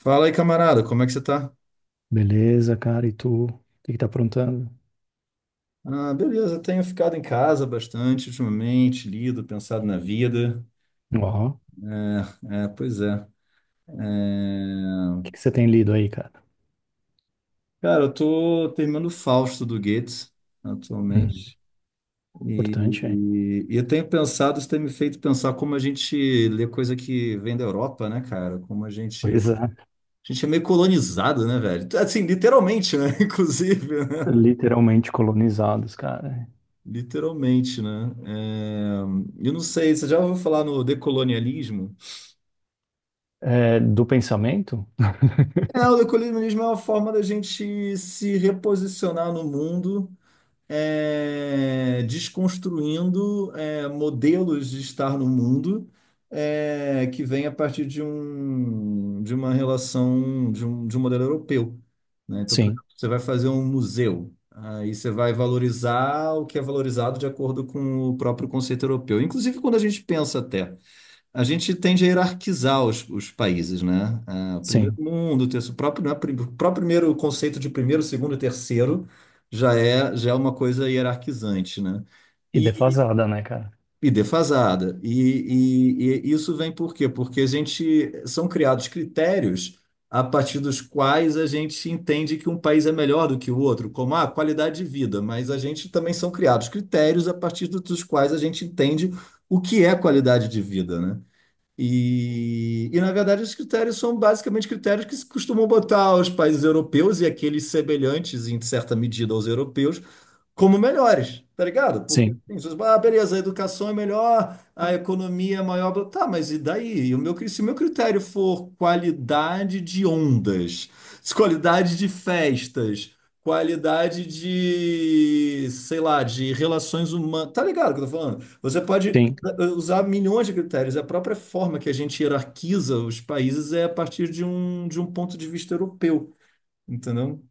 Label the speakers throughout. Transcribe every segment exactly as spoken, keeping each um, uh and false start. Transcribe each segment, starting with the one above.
Speaker 1: Fala aí, camarada, como é que você tá?
Speaker 2: Beleza, cara. E tu? O que que tá aprontando?
Speaker 1: Ah, beleza, tenho ficado em casa bastante ultimamente, lido, pensado na vida.
Speaker 2: Ó, o
Speaker 1: É, pois é.
Speaker 2: que que
Speaker 1: É,
Speaker 2: você tem lido aí, cara?
Speaker 1: Cara, eu tô terminando o Fausto do Goethe
Speaker 2: Hum.
Speaker 1: atualmente.
Speaker 2: Importante, hein?
Speaker 1: E, e eu tenho pensado, isso tem me feito pensar como a gente lê coisa que vem da Europa, né, cara? Como a gente, a
Speaker 2: Pois é.
Speaker 1: gente é meio colonizado, né, velho? Assim, literalmente, né? Inclusive, né?
Speaker 2: Literalmente colonizados, cara.
Speaker 1: Literalmente, né? É, Eu não sei, você já ouviu falar no decolonialismo?
Speaker 2: É, do pensamento?
Speaker 1: É, o equilibrianismo é uma forma da gente se reposicionar no mundo, é, desconstruindo, é, modelos de estar no mundo, é, que vem a partir de um, de uma relação, de um, de um modelo europeu, né? Então, por
Speaker 2: Sim,
Speaker 1: exemplo, você vai fazer um museu, aí você vai valorizar o que é valorizado de acordo com o próprio conceito europeu. Inclusive, quando a gente pensa até. A gente tende a hierarquizar os, os países, né? Ah, o primeiro
Speaker 2: sim.
Speaker 1: mundo, o terceiro, o próprio, né, prim- o próprio primeiro conceito de primeiro, segundo e terceiro já é, já é uma coisa hierarquizante, né?
Speaker 2: E
Speaker 1: E,
Speaker 2: defasada, né, cara?
Speaker 1: e defasada. E, e- e isso vem por quê? Porque a gente são criados critérios a partir dos quais a gente entende que um país é melhor do que o outro, como a qualidade de vida, mas a gente também são criados critérios a partir do- dos quais a gente entende o que é qualidade de vida, né? E, e, na verdade, os critérios são basicamente critérios que se costumam botar aos países europeus e aqueles semelhantes, em certa medida, aos europeus, como melhores, tá ligado? Porque
Speaker 2: Sim,
Speaker 1: assim, vocês, falam, ah, beleza, a educação é melhor, a economia é maior, blá- tá, mas e daí? E o meu, cri- se o meu critério for qualidade de ondas, se qualidade de festas, qualidade de, sei lá, de relações humanas, tá ligado o que eu tô falando? Você pode
Speaker 2: sim.
Speaker 1: eh, usar milhões de critérios, a própria forma que a gente hierarquiza os países é a partir de um, de um ponto de vista europeu, entendeu? O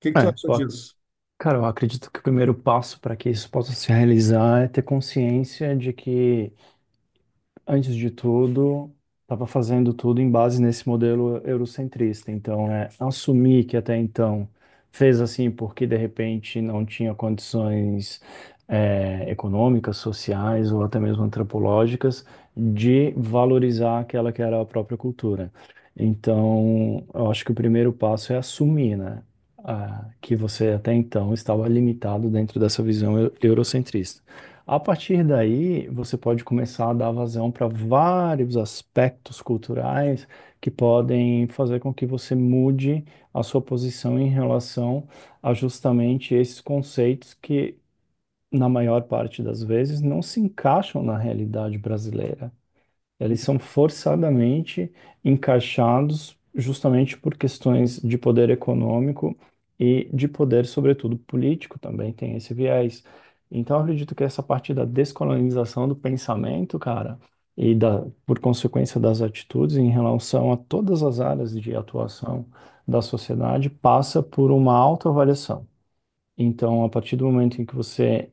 Speaker 1: que que tu
Speaker 2: É,
Speaker 1: achou
Speaker 2: eu- ac-
Speaker 1: disso?
Speaker 2: Cara, eu acredito que o primeiro passo para que isso possa se realizar é ter consciência de que, antes de tudo, estava fazendo tudo em base nesse modelo eurocentrista. Então, é assumir que até então fez assim porque de repente não tinha condições é, econômicas, sociais ou até mesmo antropológicas de valorizar aquela que era a própria cultura. Então, eu acho que o primeiro passo é assumir, né? Ah, que você até então estava limitado dentro dessa visão eu- eurocentrista. A partir daí, você pode começar a dar vazão para vários aspectos culturais que podem fazer com que você mude a sua posição em relação a justamente esses conceitos que, na maior parte das vezes, não se encaixam na realidade brasileira. Eles são forçadamente encaixados justamente por questões de poder econômico e de poder, sobretudo, político, também tem esse viés. Então, eu acredito que essa parte da descolonização do pensamento, cara, e da, por consequência das atitudes em relação a todas as áreas de atuação da sociedade, passa por uma autoavaliação. Então, a partir do momento em que você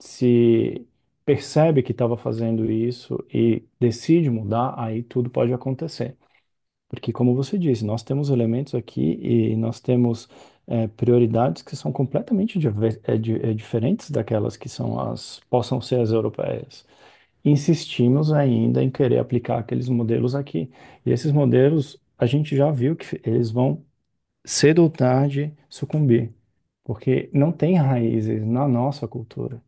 Speaker 2: se percebe que estava fazendo isso e decide mudar, aí tudo pode acontecer. Porque, como você disse, nós temos elementos aqui e nós temos eh, prioridades que são completamente diver- eh, di- eh, diferentes daquelas que são as, possam ser as europeias. Insistimos ainda em querer aplicar aqueles modelos aqui. E esses modelos, a gente já viu que eles vão cedo ou tarde sucumbir, porque não tem raízes na nossa cultura.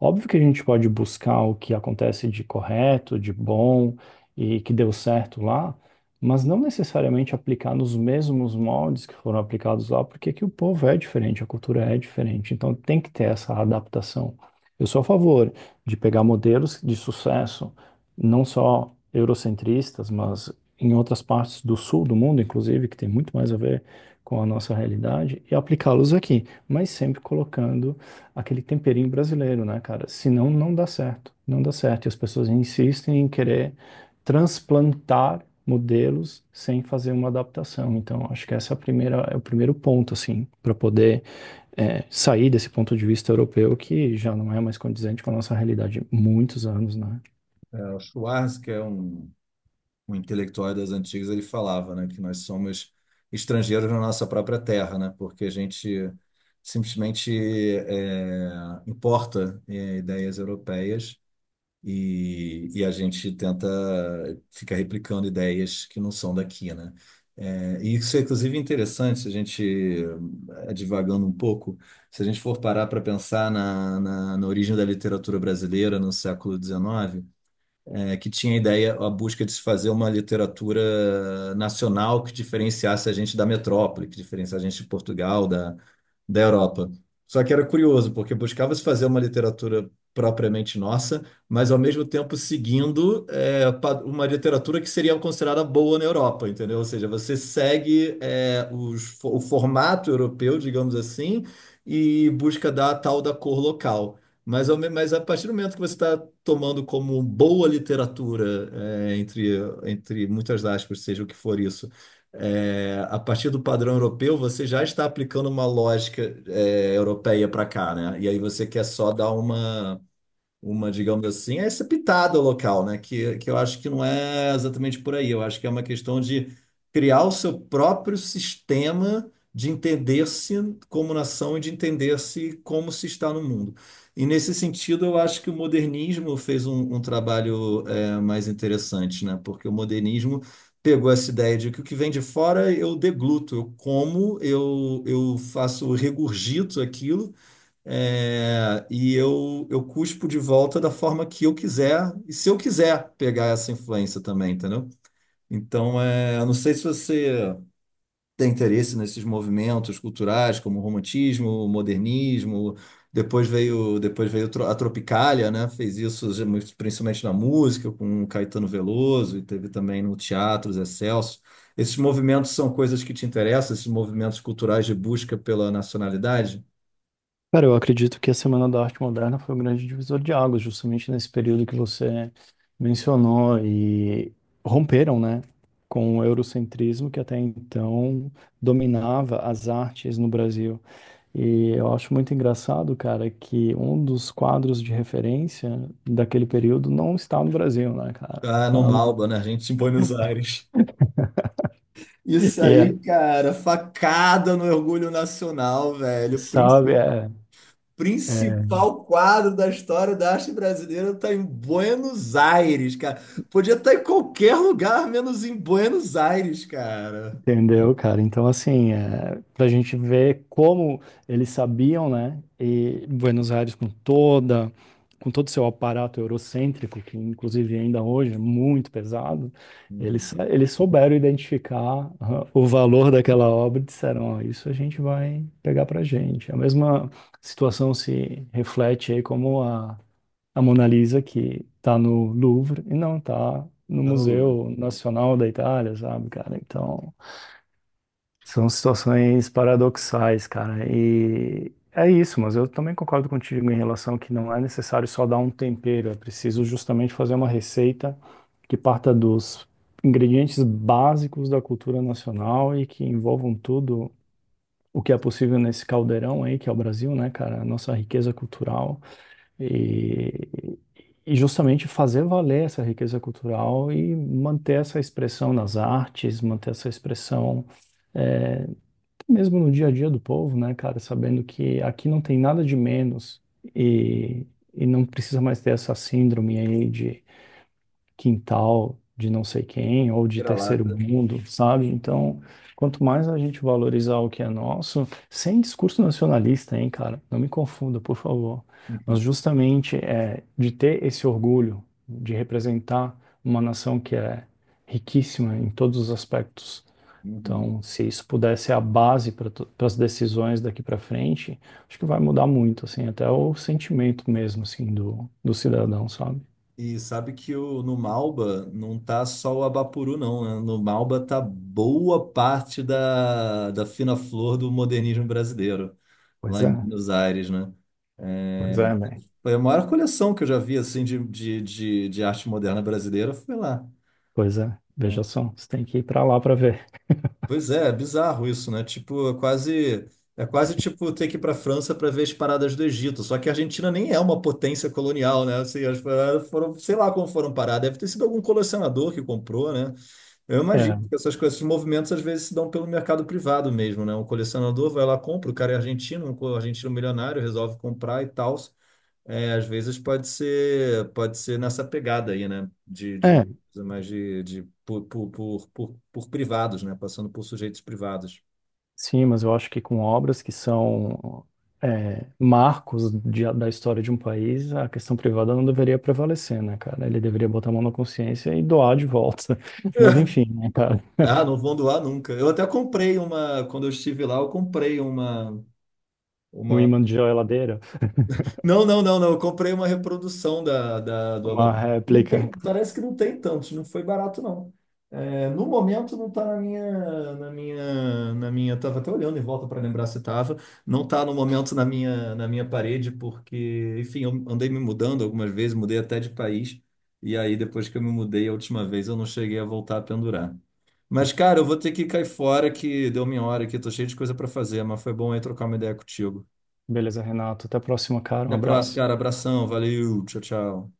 Speaker 2: Óbvio que a gente pode buscar o que acontece de correto, de bom e que deu certo lá, mas não necessariamente aplicar nos mesmos moldes que foram aplicados lá, porque aqui o povo é diferente, a cultura é diferente, então tem que ter essa adaptação. Eu sou a favor de pegar modelos de sucesso, não só eurocentristas, mas em outras partes do sul do mundo, inclusive, que tem muito mais a ver com a nossa realidade e aplicá-los aqui, mas sempre colocando aquele temperinho brasileiro, né, cara? Senão não dá certo, não dá certo. E as pessoas insistem em querer transplantar modelos sem fazer uma adaptação. Então, acho que essa é a primeira, é o primeiro ponto, assim, para poder é, sair desse ponto de vista europeu que já não é mais condizente com a nossa realidade há muitos anos, né?
Speaker 1: É, o Schwarz, que é um um intelectual das antigas, ele falava, né, que nós somos estrangeiros na nossa própria terra, né, porque a gente simplesmente é, importa é, ideias europeias e, e a gente tenta ficar replicando ideias que não são daqui, né. É, e isso é inclusive é interessante, se a gente, eh, divagando um pouco, se a gente for parar para pensar na, na, na origem da literatura brasileira no século dezenove, é, que tinha a ideia, a busca de se fazer uma literatura nacional que diferenciasse a gente da metrópole, que diferenciasse a gente de Portugal, da, da Europa. Só que era curioso, porque buscava-se fazer uma literatura propriamente nossa, mas ao mesmo tempo seguindo é, pa- uma literatura que seria considerada boa na Europa, entendeu? Ou seja, você segue é, os fo- o formato europeu, digamos assim, e busca dar a tal da cor local. Mas, ao me- mas a partir do momento que você está tomando como boa literatura, é, entre, entre muitas aspas, seja o que for isso, é, a partir do padrão europeu, você já está aplicando uma lógica, é, europeia para cá, né? E aí você quer só dar uma, uma, digamos assim, é essa pitada local, né? Que, que eu acho que não é exatamente por aí. Eu acho que é uma questão de criar o seu próprio sistema de entender-se como nação e de entender-se como se está no mundo. E nesse sentido, eu acho que o modernismo fez um, um trabalho é, mais interessante, né? Porque o modernismo pegou essa ideia de que o que vem de fora eu degluto, eu como, eu, eu faço, eu regurgito aquilo é, e eu, eu cuspo de volta da forma que eu quiser, e se eu quiser pegar essa influência também, entendeu? Então, é, eu não sei se você tem interesse nesses movimentos culturais, como o romantismo, o modernismo, depois veio, depois veio tro- a Tropicália, né? Fez isso principalmente na música, com o Caetano Veloso, e teve também no teatro, Zé Celso. Esses movimentos são coisas que te interessam, esses movimentos culturais de busca pela nacionalidade?
Speaker 2: Cara, eu acredito que a Semana da Arte Moderna foi um grande divisor de águas, justamente nesse período que você mencionou e romperam, né, com o eurocentrismo que até então dominava as artes no Brasil. E eu acho muito engraçado, cara, que um dos quadros de referência daquele período não está no Brasil, né, cara?
Speaker 1: Ah, no
Speaker 2: Está no...
Speaker 1: Malba, na Argentina, em Buenos Aires. Isso
Speaker 2: E é,
Speaker 1: aí, cara, facada no orgulho nacional, velho.
Speaker 2: sabe,
Speaker 1: Princi-
Speaker 2: é, é
Speaker 1: Principal quadro da história da arte brasileira tá em Buenos Aires, cara. Podia estar em qualquer lugar, menos em Buenos Aires, cara.
Speaker 2: Entendeu, cara? Então, assim, é, para a gente ver como eles sabiam, né? E Buenos Aires com toda, com todo o seu aparato eurocêntrico, que inclusive ainda hoje é muito pesado, eles,
Speaker 1: Uhum.
Speaker 2: sa- eles souberam identificar, ah, o valor daquela obra e disseram: ó, isso a gente vai pegar pra gente. A mesma situação se reflete aí como a, a Mona Lisa, que tá no Louvre e não tá no
Speaker 1: Tá no Louvre.
Speaker 2: Museu Nacional da Itália, sabe, cara? Então... São situações paradoxais, cara. E é isso, mas eu também concordo contigo em relação que não é necessário só dar um tempero, é preciso justamente fazer uma receita que parta dos ingredientes básicos da cultura nacional e que envolvam tudo o que é possível nesse caldeirão aí, que é o Brasil, né, cara? A nossa riqueza cultural. E, e justamente fazer valer essa riqueza cultural e manter essa expressão nas artes, manter essa expressão. eh, Mesmo no dia a dia do povo, né, cara, sabendo que aqui não tem nada de menos e, e não precisa mais ter essa síndrome aí de quintal, de não sei quem, ou de terceiro
Speaker 1: Vira-lata.
Speaker 2: mundo, sabe? Então, quanto mais a gente valorizar o que é nosso, sem discurso nacionalista, hein, cara, não me confunda, por favor, mas
Speaker 1: Uhum.
Speaker 2: justamente é de ter esse orgulho de representar uma nação que é riquíssima em todos os aspectos.
Speaker 1: Uhum.
Speaker 2: Então, se isso puder ser a base para as decisões daqui para frente, acho que vai mudar muito, assim, até o sentimento mesmo, assim, do, do cidadão, sabe?
Speaker 1: E sabe que o, no Malba não tá só o Abapuru, não, né? No Malba tá boa parte da, da fina flor do modernismo brasileiro,
Speaker 2: Pois
Speaker 1: lá em
Speaker 2: é,
Speaker 1: Buenos Aires, né? É,
Speaker 2: pois é, bem.
Speaker 1: foi a maior coleção que eu já vi, assim, de, de, de, de arte moderna brasileira, foi lá.
Speaker 2: Pois é, veja só, você tem que ir para lá para ver.
Speaker 1: Pois é, é bizarro isso, né? Tipo, é quase, é quase tipo ter que ir pra França para ver as paradas do Egito, só que a Argentina nem é uma potência colonial, né? Assim, as paradas foram, sei lá como foram parar, deve ter sido algum colecionador que comprou, né? Eu
Speaker 2: É,
Speaker 1: imagino que essas coisas, esses movimentos às vezes se dão pelo mercado privado mesmo, né? Um colecionador vai lá, compra, o cara é argentino, um co- argentino milionário, resolve comprar e tal. É, às vezes pode ser, pode ser nessa pegada aí, né? De, de
Speaker 2: é,
Speaker 1: coisa mais de, de por, por, por, por, por privados, né? Passando por sujeitos privados.
Speaker 2: sim, mas eu acho que com obras que são é, marcos de- da história de um país, a questão privada não deveria prevalecer, né, cara? Ele deveria botar a mão na consciência e doar de volta. Mas enfim, né, cara?
Speaker 1: Ah, não vão doar nunca. Eu até comprei uma, quando eu estive lá, eu comprei uma
Speaker 2: O
Speaker 1: uma,
Speaker 2: imã de geladeira,
Speaker 1: Não, não, não, não. Eu comprei uma reprodução da, da, do
Speaker 2: uma
Speaker 1: Abapoxi. Não
Speaker 2: réplica.
Speaker 1: tem, parece que não tem tantos, não foi barato, não. É, no momento não tá na minha, na minha, na minha. Tava até olhando em volta para lembrar se tava. Não tá no momento na minha, na minha parede, porque, enfim, eu andei me mudando algumas vezes, mudei até de país. E aí, depois que eu me mudei a última vez, eu não cheguei a voltar a pendurar. Mas, cara, eu vou ter que cair fora que deu minha hora aqui, tô cheio de coisa para fazer, mas foi bom aí trocar uma ideia contigo.
Speaker 2: Beleza, Renato. Até a próxima, cara.
Speaker 1: Até
Speaker 2: Um
Speaker 1: a próxima,
Speaker 2: abraço.
Speaker 1: cara. Abração, valeu, tchau, tchau.